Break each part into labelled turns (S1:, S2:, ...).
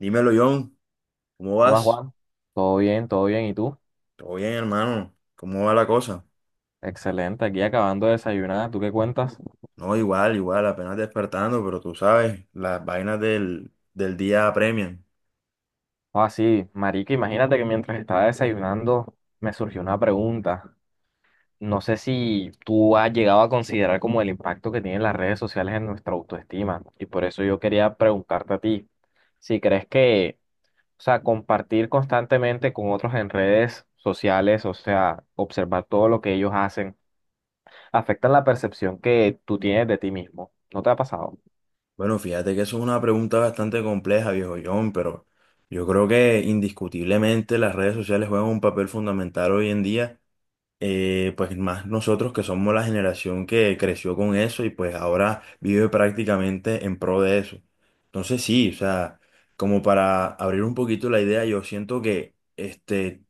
S1: Dímelo, John, ¿cómo
S2: ¿Qué más,
S1: vas?
S2: Juan? Todo bien, todo bien. ¿Y tú?
S1: Todo bien, hermano. ¿Cómo va la cosa?
S2: Excelente. Aquí acabando de desayunar. ¿Tú qué cuentas?
S1: No, igual, igual, apenas despertando, pero tú sabes, las vainas del día apremian.
S2: Ah, sí, marica, imagínate que mientras estaba desayunando me surgió una pregunta. No sé si tú has llegado a considerar como el impacto que tienen las redes sociales en nuestra autoestima. Y por eso yo quería preguntarte a ti, si crees que, o sea, compartir constantemente con otros en redes sociales, o sea, observar todo lo que ellos hacen, afecta la percepción que tú tienes de ti mismo. ¿No te ha pasado?
S1: Bueno, fíjate que eso es una pregunta bastante compleja, viejo John, pero yo creo que indiscutiblemente las redes sociales juegan un papel fundamental hoy en día, pues más nosotros que somos la generación que creció con eso y pues ahora vive prácticamente en pro de eso. Entonces sí, o sea, como para abrir un poquito la idea, yo siento que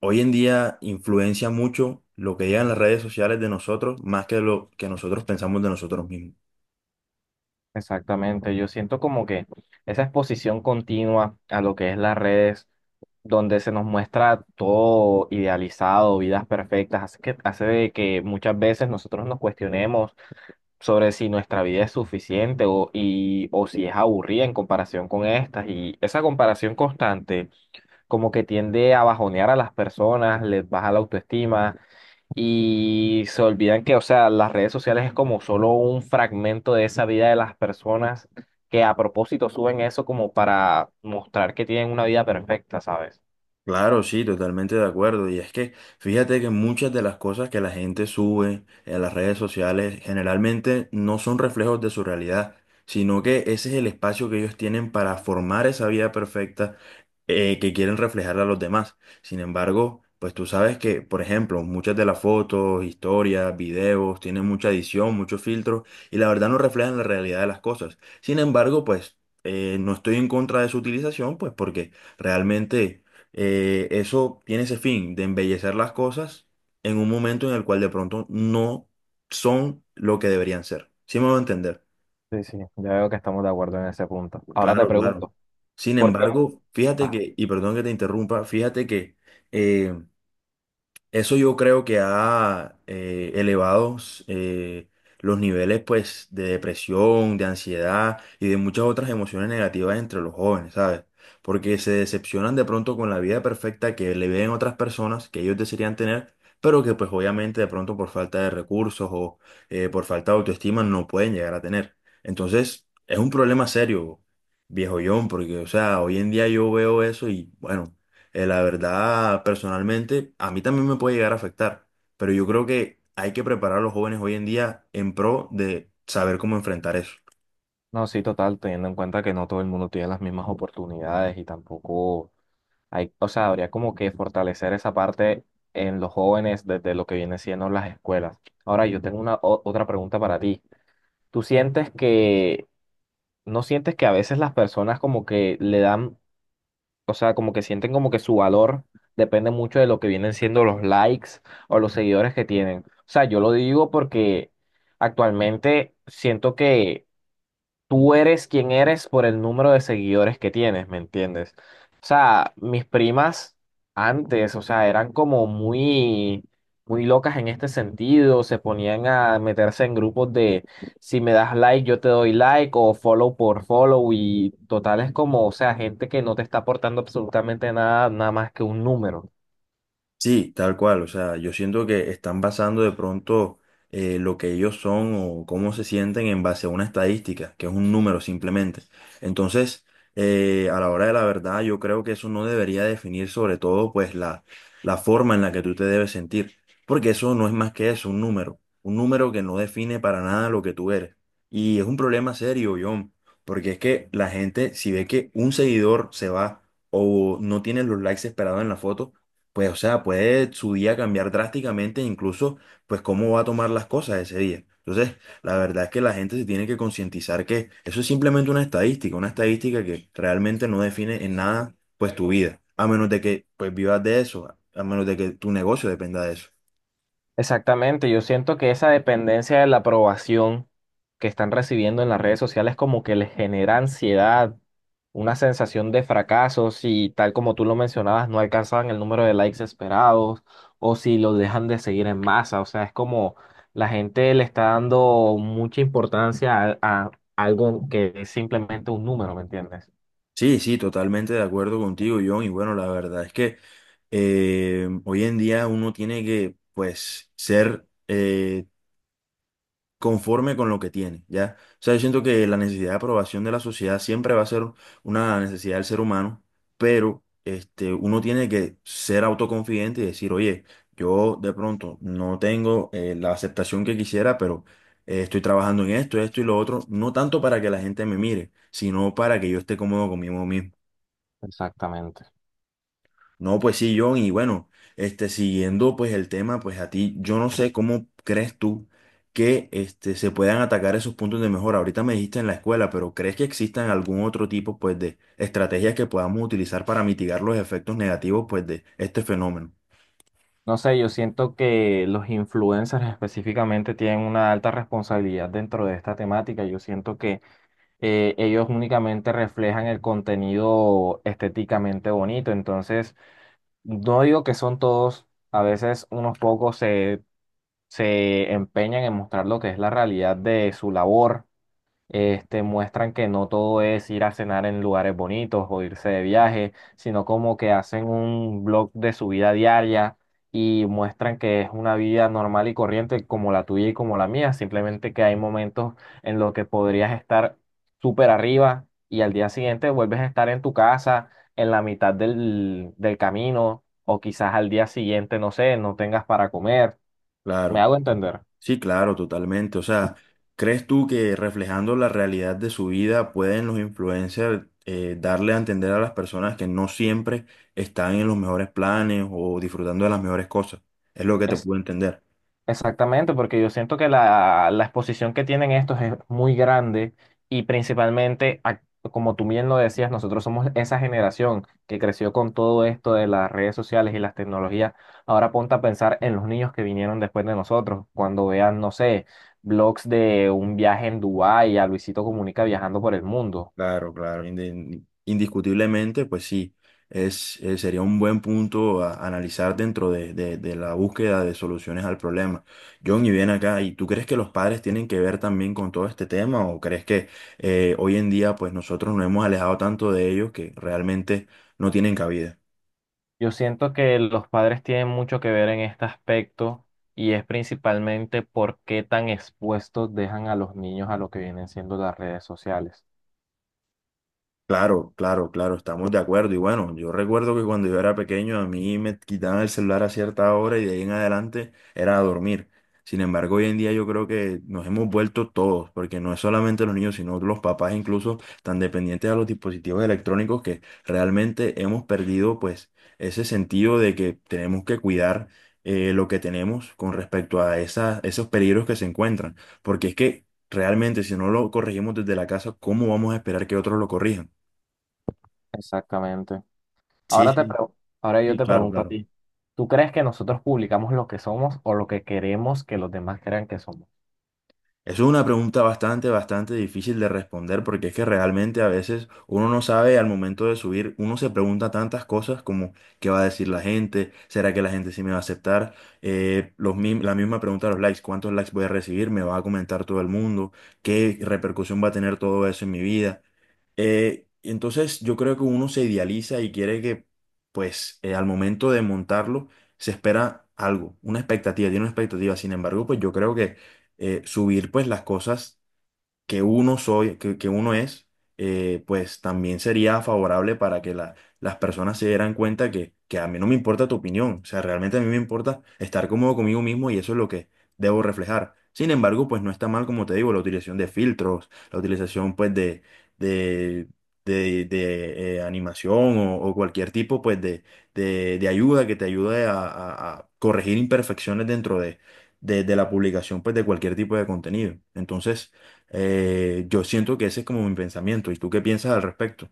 S1: hoy en día influencia mucho lo que llega las redes sociales de nosotros más que lo que nosotros pensamos de nosotros mismos.
S2: Exactamente, yo siento como que esa exposición continua a lo que es las redes, donde se nos muestra todo idealizado, vidas perfectas, hace que, hace de que muchas veces nosotros nos cuestionemos sobre si nuestra vida es suficiente o, y, o si es aburrida en comparación con estas. Y esa comparación constante como que tiende a bajonear a las personas, les baja la autoestima y se olvidan que, o sea, las redes sociales es como solo un fragmento de esa vida de las personas que a propósito suben eso como para mostrar que tienen una vida perfecta, ¿sabes?
S1: Claro, sí, totalmente de acuerdo. Y es que fíjate que muchas de las cosas que la gente sube en las redes sociales generalmente no son reflejos de su realidad, sino que ese es el espacio que ellos tienen para formar esa vida perfecta que quieren reflejar a los demás. Sin embargo, pues tú sabes que, por ejemplo, muchas de las fotos, historias, videos tienen mucha edición, muchos filtros y la verdad no reflejan la realidad de las cosas. Sin embargo, pues no estoy en contra de su utilización, pues porque realmente eso tiene ese fin de embellecer las cosas en un momento en el cual de pronto no son lo que deberían ser. ¿Sí me voy a entender?
S2: Sí, sí, ya veo que estamos de acuerdo en ese punto. Ahora te
S1: Claro, claro.
S2: pregunto,
S1: Sin
S2: ¿por qué?
S1: embargo, fíjate
S2: Ah,
S1: que, y perdón que te interrumpa, fíjate que eh, eso yo creo que ha elevado eh, los niveles pues, de depresión, de ansiedad y de muchas otras emociones negativas entre los jóvenes, ¿sabes? Porque se decepcionan de pronto con la vida perfecta que le ven otras personas que ellos desearían tener, pero que pues obviamente de pronto por falta de recursos o por falta de autoestima no pueden llegar a tener. Entonces, es un problema serio, viejo John, porque o sea, hoy en día yo veo eso y bueno, la verdad, personalmente, a mí también me puede llegar a afectar, pero yo creo que hay que preparar a los jóvenes hoy en día en pro de saber cómo enfrentar eso.
S2: no, sí, total, teniendo en cuenta que no todo el mundo tiene las mismas oportunidades y tampoco hay, o sea, habría como que fortalecer esa parte en los jóvenes desde lo que viene siendo las escuelas. Ahora, yo tengo otra pregunta para ti. ¿Tú sientes que ¿No sientes que a veces las personas como que le dan, o sea, como que sienten como que su valor depende mucho de lo que vienen siendo los likes o los seguidores que tienen? O sea, yo lo digo porque actualmente siento que tú eres quien eres por el número de seguidores que tienes, ¿me entiendes? O sea, mis primas antes, o sea, eran como muy, muy locas en este sentido, se ponían a meterse en grupos de si me das like, yo te doy like o follow por follow y total es como, o sea, gente que no te está aportando absolutamente nada, nada más que un número.
S1: Sí, tal cual. O sea, yo siento que están basando de pronto lo que ellos son o cómo se sienten en base a una estadística, que es un número simplemente. Entonces, a la hora de la verdad, yo creo que eso no debería definir sobre todo pues la forma en la que tú te debes sentir, porque eso no es más que eso, un número que no define para nada lo que tú eres. Y es un problema serio, John, porque es que la gente, si ve que un seguidor se va o no tiene los likes esperados en la foto, pues, o sea, puede su día cambiar drásticamente, incluso, pues, cómo va a tomar las cosas ese día. Entonces, la verdad es que la gente se tiene que concientizar que eso es simplemente una estadística que realmente no define en nada, pues, tu vida, a menos de que, pues, vivas de eso, a menos de que tu negocio dependa de eso.
S2: Exactamente, yo siento que esa dependencia de la aprobación que están recibiendo en las redes sociales como que les genera ansiedad, una sensación de fracaso si tal como tú lo mencionabas no alcanzaban el número de likes esperados o si los dejan de seguir en masa, o sea, es como la gente le está dando mucha importancia a algo que es simplemente un número, ¿me entiendes?
S1: Sí, sí, totalmente de acuerdo contigo, John, y bueno, la verdad es que hoy en día uno tiene que, pues, ser, conforme con lo que tiene, ¿ya? O sea, yo siento que la necesidad de aprobación de la sociedad siempre va a ser una necesidad del ser humano, pero este, uno tiene que ser autoconfidente y decir, oye, yo de pronto no tengo la aceptación que quisiera, pero estoy trabajando en esto, esto y lo otro, no tanto para que la gente me mire, sino para que yo esté cómodo conmigo mismo.
S2: Exactamente.
S1: No, pues sí, John, y bueno, este, siguiendo pues el tema, pues a ti, yo no sé cómo crees tú que este, se puedan atacar esos puntos de mejora. Ahorita me dijiste en la escuela, pero ¿crees que existan algún otro tipo pues de estrategias que podamos utilizar para mitigar los efectos negativos pues de este fenómeno?
S2: No sé, yo siento que los influencers específicamente tienen una alta responsabilidad dentro de esta temática. Yo siento que ellos únicamente reflejan el contenido estéticamente bonito. Entonces, no digo que son todos, a veces unos pocos se, se empeñan en mostrar lo que es la realidad de su labor este, muestran que no todo es ir a cenar en lugares bonitos o irse de viaje, sino como que hacen un blog de su vida diaria y muestran que es una vida normal y corriente como la tuya y como la mía, simplemente que hay momentos en los que podrías estar súper arriba y al día siguiente vuelves a estar en tu casa, en la mitad del, del camino o quizás al día siguiente, no sé, no tengas para comer. ¿Me
S1: Claro.
S2: hago entender?
S1: Sí, claro, totalmente. O sea, ¿crees tú que reflejando la realidad de su vida pueden los influencers darle a entender a las personas que no siempre están en los mejores planes o disfrutando de las mejores cosas? Es lo que te puedo entender.
S2: Exactamente, porque yo siento que la exposición que tienen estos es muy grande y principalmente, como tú bien lo decías, nosotros somos esa generación que creció con todo esto de las redes sociales y las tecnologías. Ahora ponte a pensar en los niños que vinieron después de nosotros, cuando vean, no sé, blogs de un viaje en Dubái a Luisito Comunica viajando por el mundo.
S1: Claro, claro, indiscutiblemente, pues sí, es, sería un buen punto a analizar dentro de, de la búsqueda de soluciones al problema. John, y bien acá, ¿y tú crees que los padres tienen que ver también con todo este tema o crees que hoy en día pues nosotros nos hemos alejado tanto de ellos que realmente no tienen cabida?
S2: Yo siento que los padres tienen mucho que ver en este aspecto y es principalmente por qué tan expuestos dejan a los niños a lo que vienen siendo las redes sociales.
S1: Claro, claro, claro, estamos de acuerdo. Y bueno, yo recuerdo que cuando yo era pequeño a mí me quitaban el celular a cierta hora y de ahí en adelante era a dormir. Sin embargo, hoy en día yo creo que nos hemos vuelto todos, porque no es solamente los niños, sino los papás incluso tan dependientes a los dispositivos electrónicos que realmente hemos perdido pues ese sentido de que tenemos que cuidar lo que tenemos con respecto a esas, esos peligros que se encuentran. Porque es que realmente si no lo corregimos desde la casa, ¿cómo vamos a esperar que otros lo corrijan?
S2: Exactamente.
S1: Sí,
S2: Ahora te
S1: sí,
S2: pregu- ahora yo
S1: sí,
S2: te
S1: claro,
S2: pregunto a
S1: claro.
S2: ti, ¿tú crees que nosotros publicamos lo que somos o lo que queremos que los demás crean que somos?
S1: Eso es una pregunta bastante, bastante difícil de responder porque es que realmente a veces uno no sabe al momento de subir, uno se pregunta tantas cosas como qué va a decir la gente, será que la gente sí me va a aceptar. Los, la misma pregunta de los likes, cuántos likes voy a recibir, me va a comentar todo el mundo, qué repercusión va a tener todo eso en mi vida. Entonces yo creo que uno se idealiza y quiere que, pues, al momento de montarlo, se espera algo, una expectativa, tiene una expectativa. Sin embargo, pues yo creo que subir, pues, las cosas que uno soy, que uno es, pues también sería favorable para que las personas se dieran cuenta que a mí no me importa tu opinión, o sea, realmente a mí me importa estar cómodo conmigo mismo y eso es lo que debo reflejar. Sin embargo, pues no está mal, como te digo, la utilización de filtros, la utilización pues de, de animación o cualquier tipo pues de ayuda que te ayude a, a corregir imperfecciones dentro de la publicación pues de cualquier tipo de contenido. Entonces, yo siento que ese es como mi pensamiento. ¿Y tú qué piensas al respecto?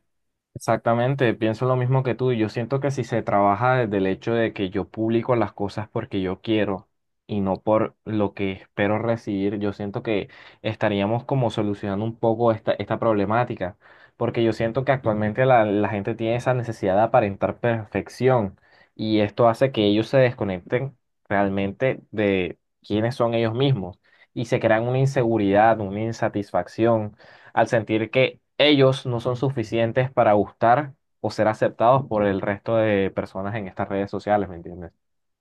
S2: Exactamente, pienso lo mismo que tú. Yo siento que si se trabaja desde el hecho de que yo publico las cosas porque yo quiero y no por lo que espero recibir, yo siento que estaríamos como solucionando un poco esta, esta problemática, porque yo siento que actualmente la, la gente tiene esa necesidad de aparentar perfección y esto hace que ellos se desconecten realmente de quiénes son ellos mismos y se crean una inseguridad, una insatisfacción al sentir que ellos no son suficientes para gustar o ser aceptados por el resto de personas en estas redes sociales, ¿me entiendes?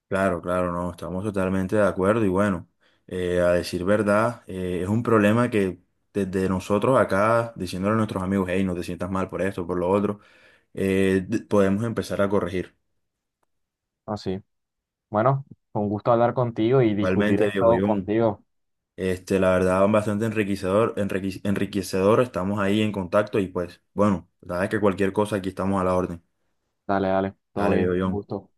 S1: Claro, claro, no, estamos totalmente de acuerdo y bueno, a decir verdad, es un problema que desde nosotros acá, diciéndole a nuestros amigos, hey, no te sientas mal por esto, por lo otro, podemos empezar a corregir.
S2: Así. Bueno, fue un gusto hablar contigo y discutir
S1: Igualmente, viejo
S2: esto
S1: Jun,
S2: contigo.
S1: este, la verdad, bastante enriquecedor, enriquecedor, estamos ahí en contacto y pues, bueno, la verdad es que cualquier cosa aquí estamos a la orden.
S2: Dale, dale, todo
S1: Dale, viejo
S2: bien, un
S1: Jun.
S2: gusto.